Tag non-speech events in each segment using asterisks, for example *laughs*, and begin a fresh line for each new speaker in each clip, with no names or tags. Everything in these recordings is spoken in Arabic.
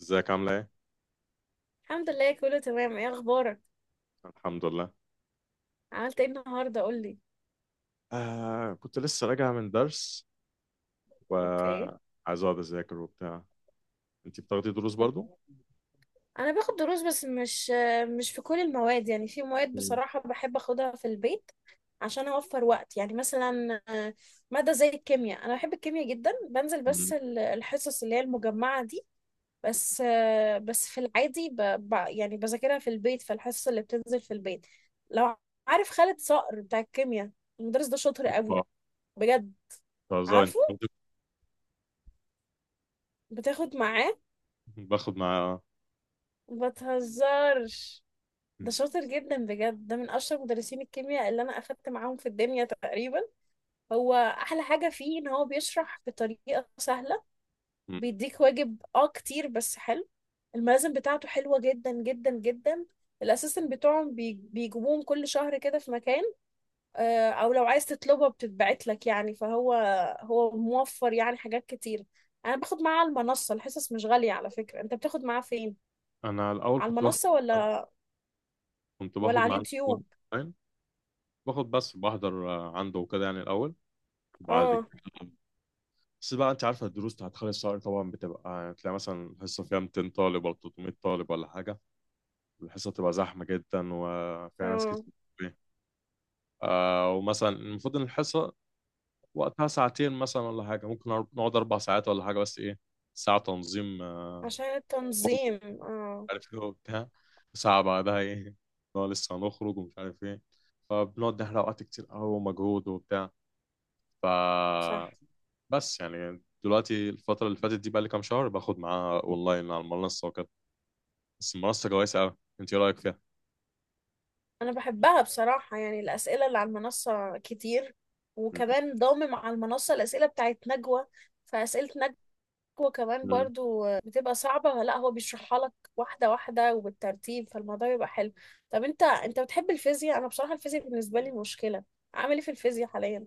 ازيك عاملة ايه؟
الحمد لله، كله تمام. ايه اخبارك؟
الحمد لله.
عملت ايه النهارده؟ قولي.
كنت لسه راجع من درس
اوكي.
وعايز اقعد اذاكر وبتاع. انت بتاخدي دروس
كنت-
برضو؟
انا باخد دروس، بس مش في كل المواد. يعني في مواد،
مم.
بصراحه بحب اخدها في البيت عشان اوفر وقت. يعني مثلا ماده زي الكيمياء. انا بحب الكيمياء جدا، بنزل
مم.
بس الحصص اللي هي المجمعه دي. بس في العادي يعني بذاكرها في البيت، في الحصص اللي بتنزل في البيت. لو عارف خالد صقر بتاع الكيمياء، المدرس ده شاطر قوي.
آه،
بجد.
بهزر. انت
عارفه. بتاخد معاه؟
باخد مع.
ما تهزرش. ده
مم.
شاطر جدا بجد، ده من اشطر مدرسين الكيمياء اللي انا اخدت معاهم في الدنيا تقريبا. هو احلى حاجه فيه ان هو بيشرح بطريقه سهله.
مم.
بيديك واجب كتير، بس حلو. الملازم بتاعته حلوه جدا جدا جدا. الاسيستنت بتوعهم بيجيبوهم كل شهر كده في مكان. او لو عايز تطلبها بتتبعت لك. يعني فهو موفر يعني حاجات كتير. انا باخد معاه على المنصه. الحصص مش غاليه، على فكره. انت بتاخد معاه فين؟
انا الاول
على
كنت باخد،
المنصه ولا ولا على
مع
اليوتيوب؟
اونلاين. باخد بس بحضر عنده وكده يعني الاول وبعد
اه،
كده. بس بقى انت عارفة الدروس بتاعت خالد صقر، طبعا بتبقى تلاقي مثلا الحصة فيها 200 طالب ولا 300 طالب ولا حاجة. الحصة بتبقى زحمة جدا وفيها ناس
اه،
كتير. آه، ومثلا المفروض ان الحصه وقتها ساعتين مثلا ولا حاجه، ممكن نقعد اربع ساعات ولا حاجه، بس ايه، ساعه تنظيم
عشان
اوضه ومش
التنظيم. اه.
عارف ايه وبتاع، ساعه بعدها ايه، نقعد لسه هنخرج ومش عارف ايه، فبنقعد نحرق وقت كتير قوي ومجهود وبتاع. ف
صح.
بس يعني دلوقتي الفتره اللي فاتت دي بقى لي كام شهر باخد معاها اونلاين على المنصه وكده. بس المنصه كويسه قوي، انت ايه رايك فيها؟
انا بحبها بصراحة. يعني الأسئلة اللي على المنصة كتير، وكمان ضامم على المنصة الأسئلة بتاعت نجوى. فأسئلة نجوى كمان برضو بتبقى صعبة. لا هو بيشرحها لك واحدة واحدة وبالترتيب، فالموضوع بيبقى حلو. طب انت بتحب الفيزياء؟ انا بصراحة الفيزياء بالنسبة لي مشكلة. عامل ايه في الفيزياء حاليا؟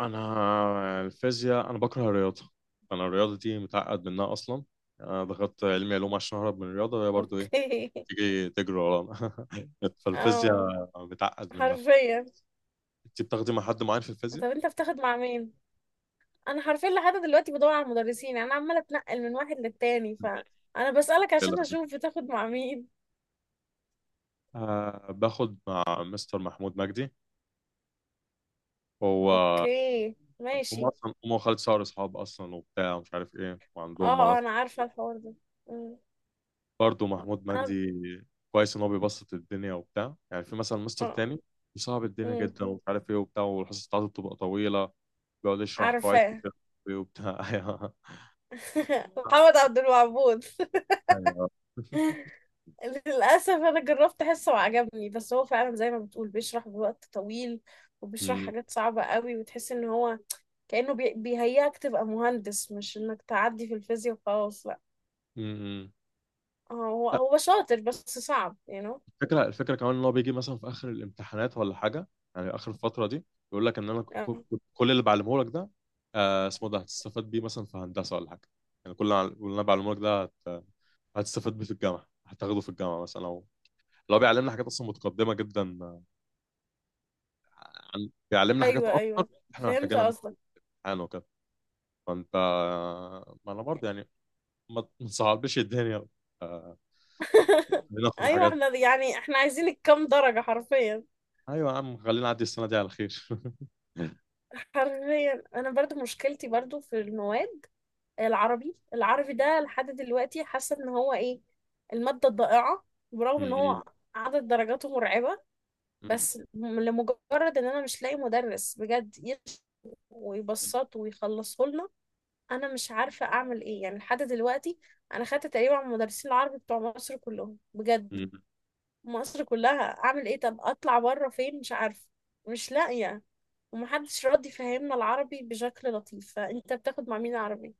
انا الفيزياء، انا بكره الرياضه. انا الرياضه دي متعقد منها اصلا. انا دخلت علمي علوم عشان اهرب من الرياضه، وهي برضو ايه،
اوكي. *laughs*
تيجي تجري ورانا. *laughs*
اه،
فالفيزياء متعقد منها.
حرفيا.
انت بتاخدي مع حد معين في الفيزياء؟
طب انت بتاخد مع مين؟ انا حرفيا لحد دلوقتي بدور على المدرسين. انا عماله اتنقل من واحد للتاني. فانا بسألك عشان
لا.
اشوف بتاخد مع مين.
أه باخد مع مستر محمود مجدي. هو
اوكي،
هم
ماشي.
اصلا، هم وخالد صقر اصحاب اصلا وبتاع مش عارف ايه،
اه،
وعندهم.
انا عارفه الحوار ده. أمم.
برضه محمود
انا
مجدي كويس ان هو بيبسط الدنيا وبتاع. يعني في مثلا مستر
اه
تاني صعب الدنيا
أمم.
جدا ومش عارف ايه وبتاع، والحصص بتاعته بتبقى طويله، بيقعد يشرح قواعد
عارفاه.
كتير وبتاع. *laughs*
*laughs*
ايوه
محمد عبد الوهاب.
ايوه.
*laughs* للأسف أنا جربت أحسه وعجبني، بس هو فعلا زي ما بتقول بيشرح بوقت طويل، وبيشرح
أمم،
حاجات صعبة قوي، وتحس إن هو كأنه بيهيئك تبقى مهندس، مش إنك تعدي في الفيزياء وخلاص. لا.
أمم.
اه، هو
*laughs* لا،
هو شاطر بس صعب.
الفكره كمان ان هو بيجي مثلا في اخر الامتحانات ولا حاجه، يعني اخر الفتره دي، يقول لك ان انا
آه.
كل اللي بعلمه لك ده آه اسمه ده هتستفاد بيه مثلا في هندسه ولا حاجه، يعني كل اللي كل اللي انا بعلمه لك ده هتستفاد بيه في الجامعه، هتاخده في الجامعه مثلا، او لو بيعلمنا حاجات اصلا متقدمه جدا، عن بيعلمنا حاجات
ايوه،
اكتر
ايوه،
احنا
فهمت
محتاجينها في
قصدك.
الامتحان وكده. فانت، ما انا برضه يعني ما تصعبش الدنيا آه،
*laughs*
بناخد
ايوه،
حاجات.
احنا يعني احنا عايزين الكام درجة، حرفيا.
ايوه يا عم خلينا نعدي السنه دي على خير. *laughs*
حرفيا انا برضو مشكلتي برضو في المواد. العربي ده لحد دلوقتي حاسة ان هو ايه، المادة الضائعة. برغم ان
م-
هو عدد درجاته مرعبة.
م-
بس لمجرد ان انا مش لاقي مدرس بجد يشرح
م-
ويبسطه ويخلصه لنا. انا مش عارفه اعمل ايه يعني لحد دلوقتي. انا خدت تقريبا على المدرسين العربي بتوع مصر كلهم، بجد،
م-
مصر كلها. اعمل ايه؟ طب اطلع بره فين؟ مش عارفه. مش لاقيه. ومحدش راضي يفهمنا العربي بشكل لطيف. فانت بتاخد مع مين عربي؟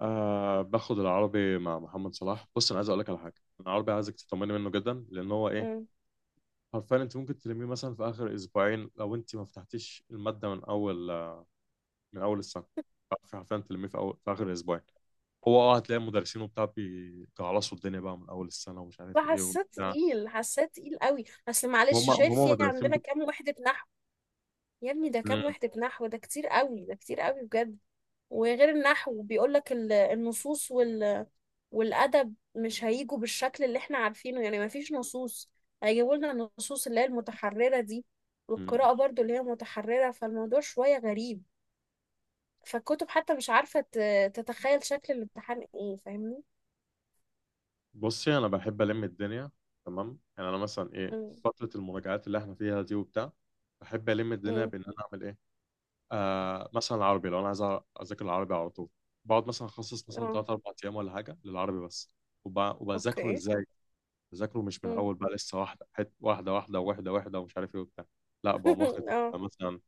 باخد العربي مع محمد صلاح. بص، انا عايز اقول لك على حاجه. أنا العربي عايزك تطمني منه جدا، لان هو ايه،
امم.
حرفيا انت ممكن تلميه مثلا في اخر اسبوعين لو انت ما فتحتيش الماده من اول، السنه. حرفيا تلميه في اخر اسبوعين. هو اه، هتلاقي المدرسين وبتاع بيجعلصوا الدنيا بقى من اول السنه ومش عارف ايه
فحسيت
وبتاع.
تقيل حسيت تقيل قوي. اصل
هم
معلش، شايف
هم
في
مدرسين
عندنا كام وحده نحو؟ يا ابني، ده كام
مم.
وحده نحو! ده كتير قوي، ده كتير قوي بجد. وغير النحو بيقول لك النصوص والأدب مش هيجوا بالشكل اللي احنا عارفينه. يعني مفيش نصوص، هيجيبوا لنا النصوص اللي هي المتحررة دي،
مم.
والقراءة برضو اللي هي متحررة. فالموضوع شوية غريب. فالكتب حتى مش عارفة تتخيل شكل الامتحان ايه، فاهمني؟
بصي، انا بحب الم الدنيا تمام. يعني انا مثلا ايه،
مم.
فتره المراجعات اللي احنا فيها دي وبتاع، بحب الم الدنيا
مم.
بان انا اعمل ايه. آه مثلا العربي لو انا عايز اذاكر العربي على طول، بقعد مثلا اخصص مثلا
اه،
3 4 ايام ولا حاجه للعربي بس. وبذاكره
اوكي.
ازاي؟ بذاكره مش من
مم.
اول بقى لسه واحده، واحده واحده واحده واحده، ومش عارف ايه وبتاع. لا، بقوم واخد
*laughs* اه.
مثلا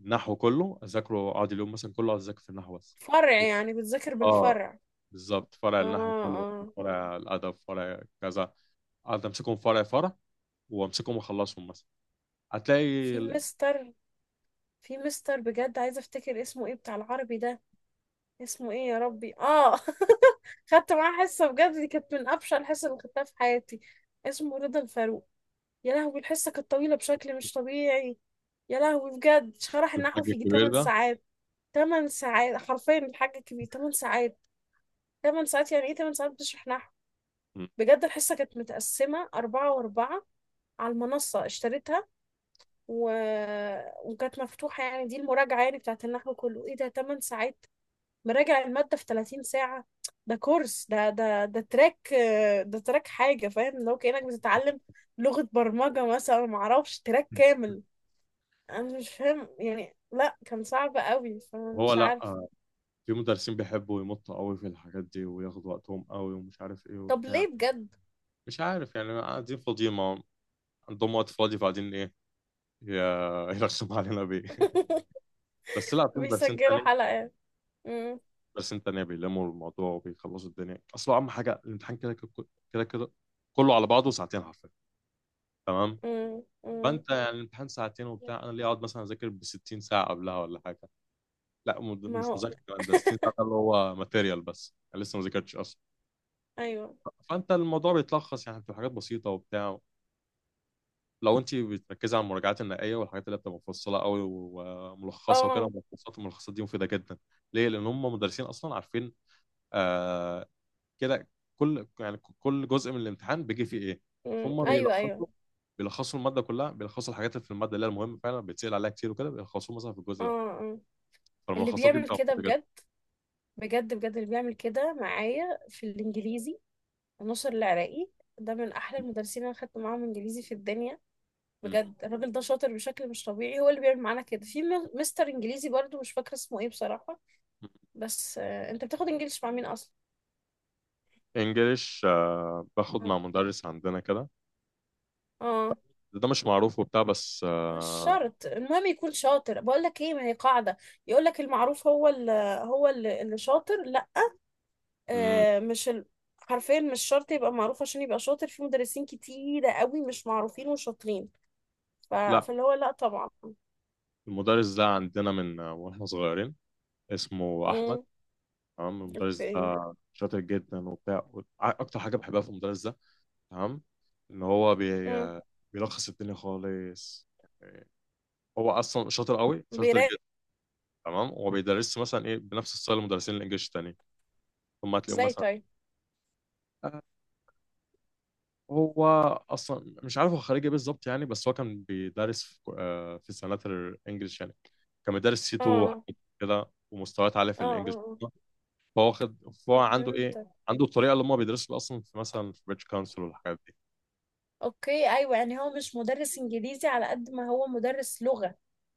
النحو كله اذاكره، اقعد اليوم مثلا كله اقعد اذاكر في النحو بس.
فرع؟ يعني بتذاكر
اه
بالفرع؟
بالظبط، فرع
اه،
النحو كله،
اه.
فرع الادب، فرع كذا، اقعد امسكهم فرع فرع، وامسكهم واخلصهم مثلا. هتلاقي
في مستر في مستر بجد، عايزة افتكر اسمه ايه، بتاع العربي ده. اسمه ايه يا ربي؟ اه. *laughs* خدت معاه حصة بجد، دي كانت من أبشع الحصة اللي خدتها في حياتي. اسمه رضا الفاروق. يا لهوي، الحصة كانت طويلة بشكل مش طبيعي. يا لهوي بجد، شرح النحو
الحاج
في يجي
الكبير
8
ده.
ساعات. 8 ساعات حرفيا، الحاج الكبير، 8 ساعات. 8 ساعات يعني! ايه 8 ساعات بتشرح نحو!
مم.
بجد، الحصة كانت متقسمة 4 و4، على المنصة اشتريتها. و... وكانت مفتوحة. يعني دي المراجعة يعني بتاعت النحو كله. ايه ده، 8 ساعات! مراجع المادة في 30 ساعة. ده كورس، ده تراك، ده تراك حاجة، فاهم؟ لو كأنك بتتعلم لغة برمجة مثلا. معرفش، تراك كامل. أنا مش فاهم يعني، لا كان صعب قوي،
هو
فمش
لا
عارف.
في مدرسين بيحبوا يمطوا قوي في الحاجات دي وياخدوا وقتهم قوي ومش عارف ايه
طب
وبتاع.
ليه بجد؟
مش عارف يعني، قاعدين فاضيين ما عندهم وقت فاضي فقاعدين ايه، ي- *laughs* يرخم علينا بيه.
*laughs*
بس لا، في مدرسين
بيسجلوا
تانية
حلقات. مم،
بس انت تانية بيلموا الموضوع وبيخلصوا الدنيا. اصل اهم حاجه الامتحان كده كده، كده كده كله على بعضه ساعتين حرفيا تمام.
مم، مم.
فانت يعني الامتحان ساعتين وبتاع، انا ليه اقعد مثلا اذاكر ب 60 ساعه قبلها ولا حاجه؟ لا،
ما
مش
هو،
مذاكره كمان، ده 60 ساعه ده اللي هو ماتيريال، بس انا لسه ما ذاكرتش اصلا.
أيوه،
فانت الموضوع بيتلخص، يعني بتبقى حاجات بسيطه وبتاع لو انت بتركزي على المراجعات النهائيه والحاجات اللي بتبقى مفصله قوي وملخصه وكده.
اه،
ملخصات الملخصات دي مفيده جدا. ليه؟ لان هم مدرسين اصلا عارفين آه كده كل، يعني كل جزء من الامتحان بيجي فيه ايه.
مم،
ثم
أيوه،
بيلخصوا،
أيوه،
الماده كلها، بيلخصوا الحاجات اللي في الماده اللي هي المهمه فعلا بيتسال عليها كتير وكده، بيلخصوها مثلا في
اه،
الجزء ده.
آه. اللي
فالملخصات دي
بيعمل
بتبقى
كده
مفيده جدا.
بجد، بجد، بجد اللي بيعمل كده معايا في الإنجليزي نصر العراقي. ده من احلى المدرسين اللي انا خدت معاهم انجليزي في الدنيا.
م-
بجد الراجل ده شاطر بشكل مش طبيعي. هو اللي بيعمل معانا كده. في مستر انجليزي برضو مش فاكره اسمه ايه بصراحه.
م.
بس انت بتاخد انجليش مع مين اصلا؟
انجليش باخد
اه.
مع مدرس عندنا كده.
اه.
ده مش معروف وبتاع بس
مش
آه.
شرط، المهم يكون شاطر. بقول لك ايه، ما هي قاعده، يقول لك المعروف هو اللي شاطر. لا.
م.
مش ال. حرفيا مش شرط يبقى معروف عشان يبقى شاطر. في مدرسين كتيره قوي مش معروفين وشاطرين.
لا،
فاللي هو، لا طبعا.
المدرس ده عندنا من واحنا صغيرين، اسمه احمد.
امم.
تمام. المدرس
اوكي.
ده شاطر جدا وبتاع، اكتر حاجه بحبها في المدرس ده تمام، ان هو بيلخص الدنيا خالص. هو اصلا شاطر قوي، شاطر
بيراقب؟
جدا. تمام. هو بيدرس مثلا ايه بنفس ستايل المدرسين الانجليش التانيين، ثم هتلاقيهم
ازاي
مثلا
طيب؟
آه، هو اصلا مش عارف هو خريج ايه بالظبط يعني، بس هو كان بيدرس في في سنات الانجليش يعني، كان بيدرس سي
اه،
2
اه،
حاجات كده ومستويات عاليه في
اه.
الانجليش.
آه.
فهو خد، فهو عنده ايه،
فهمتك.
عنده الطريقه اللي هم بيدرسوا بيها اصلا في مثلا في بريتش كونسل والحاجات دي.
اوكي. ايوه، يعني هو مش مدرس انجليزي على قد ما هو مدرس لغة.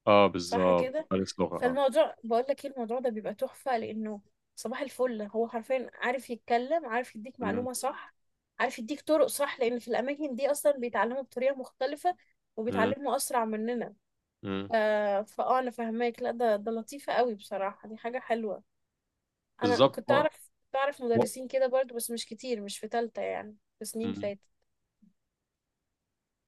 اه
صح
بالظبط،
كده.
مدرس لغه اه.
فالموضوع، بقول لك ايه، الموضوع ده بيبقى تحفة، لانه صباح الفل هو حرفيا عارف يتكلم، عارف يديك
مم،
معلومة صح، عارف يديك طرق صح، لان في الاماكن دي اصلا بيتعلموا بطريقة مختلفة،
مم،
وبيتعلموا اسرع مننا.
مم.
ف... فاه، انا فاهماك. لا ده لطيفة قوي بصراحة، دي حاجة حلوة. انا
بالظبط.
كنت
هو-
اعرف كنت اعرف مدرسين كده برضو، بس مش كتير، مش في تالتة يعني، في سنين
مم.
فاتت.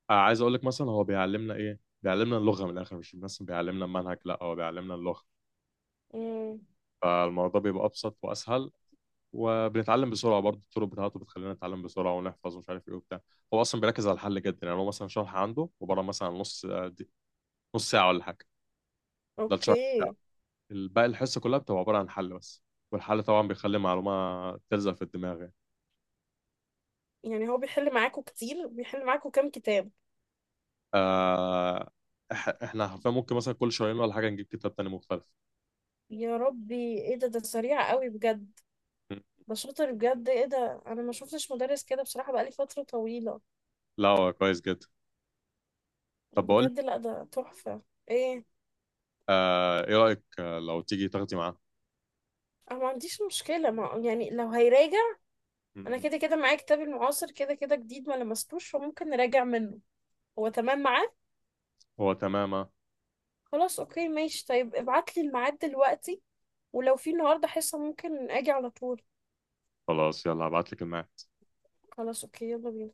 عايز اقول لك مثلا هو بيعلمنا ايه، بيعلمنا اللغه من الاخر، مش بس بيعلمنا المنهج، لا هو بيعلمنا اللغه.
امم.
فالموضوع بيبقى ابسط واسهل، وبنتعلم بسرعه برضه. الطرق بتاعته بتخلينا نتعلم بسرعه ونحفظ ومش عارف ايه وبتاع. هو اصلا بيركز على الحل جدا، يعني هو مثلا شرح عنده عباره مثلا نص نص ساعه ولا حاجه، ده الشرح بتاعه.
اوكي.
الباقي الحصه كلها بتبقى عباره عن حل بس. والحل طبعا بيخلي معلومه تلزق في الدماغ يعني.
يعني هو بيحل معاكوا كتير؟ بيحل معاكوا كام كتاب؟
آه، احنا حرفيا ممكن مثلا كل شهرين ولا حاجه نجيب كتاب تاني مختلف.
يا ربي، ايه ده! ده سريع قوي بجد.
مم.
ده شاطر بجد. ايه ده، انا ما شفتش مدرس كده بصراحة بقالي فترة طويلة.
لا هو كويس جدا. طب بقول
بجد، لا ده تحفة. ايه؟
آه، ايه رأيك لو تيجي تاخدي معاه؟
انا ما عنديش مشكلة، ما يعني لو هيراجع.
م-
انا
م.
كده كده معايا كتاب المعاصر كده كده جديد، ما لمستوش، فممكن نراجع منه. هو تمام معاه.
هو تمام آه.
خلاص، اوكي، ماشي. طيب ابعت لي الميعاد دلوقتي، ولو في النهارده حصة ممكن اجي على طول.
خلاص يلا هبعت لك الميعاد.
خلاص، اوكي، يلا بينا.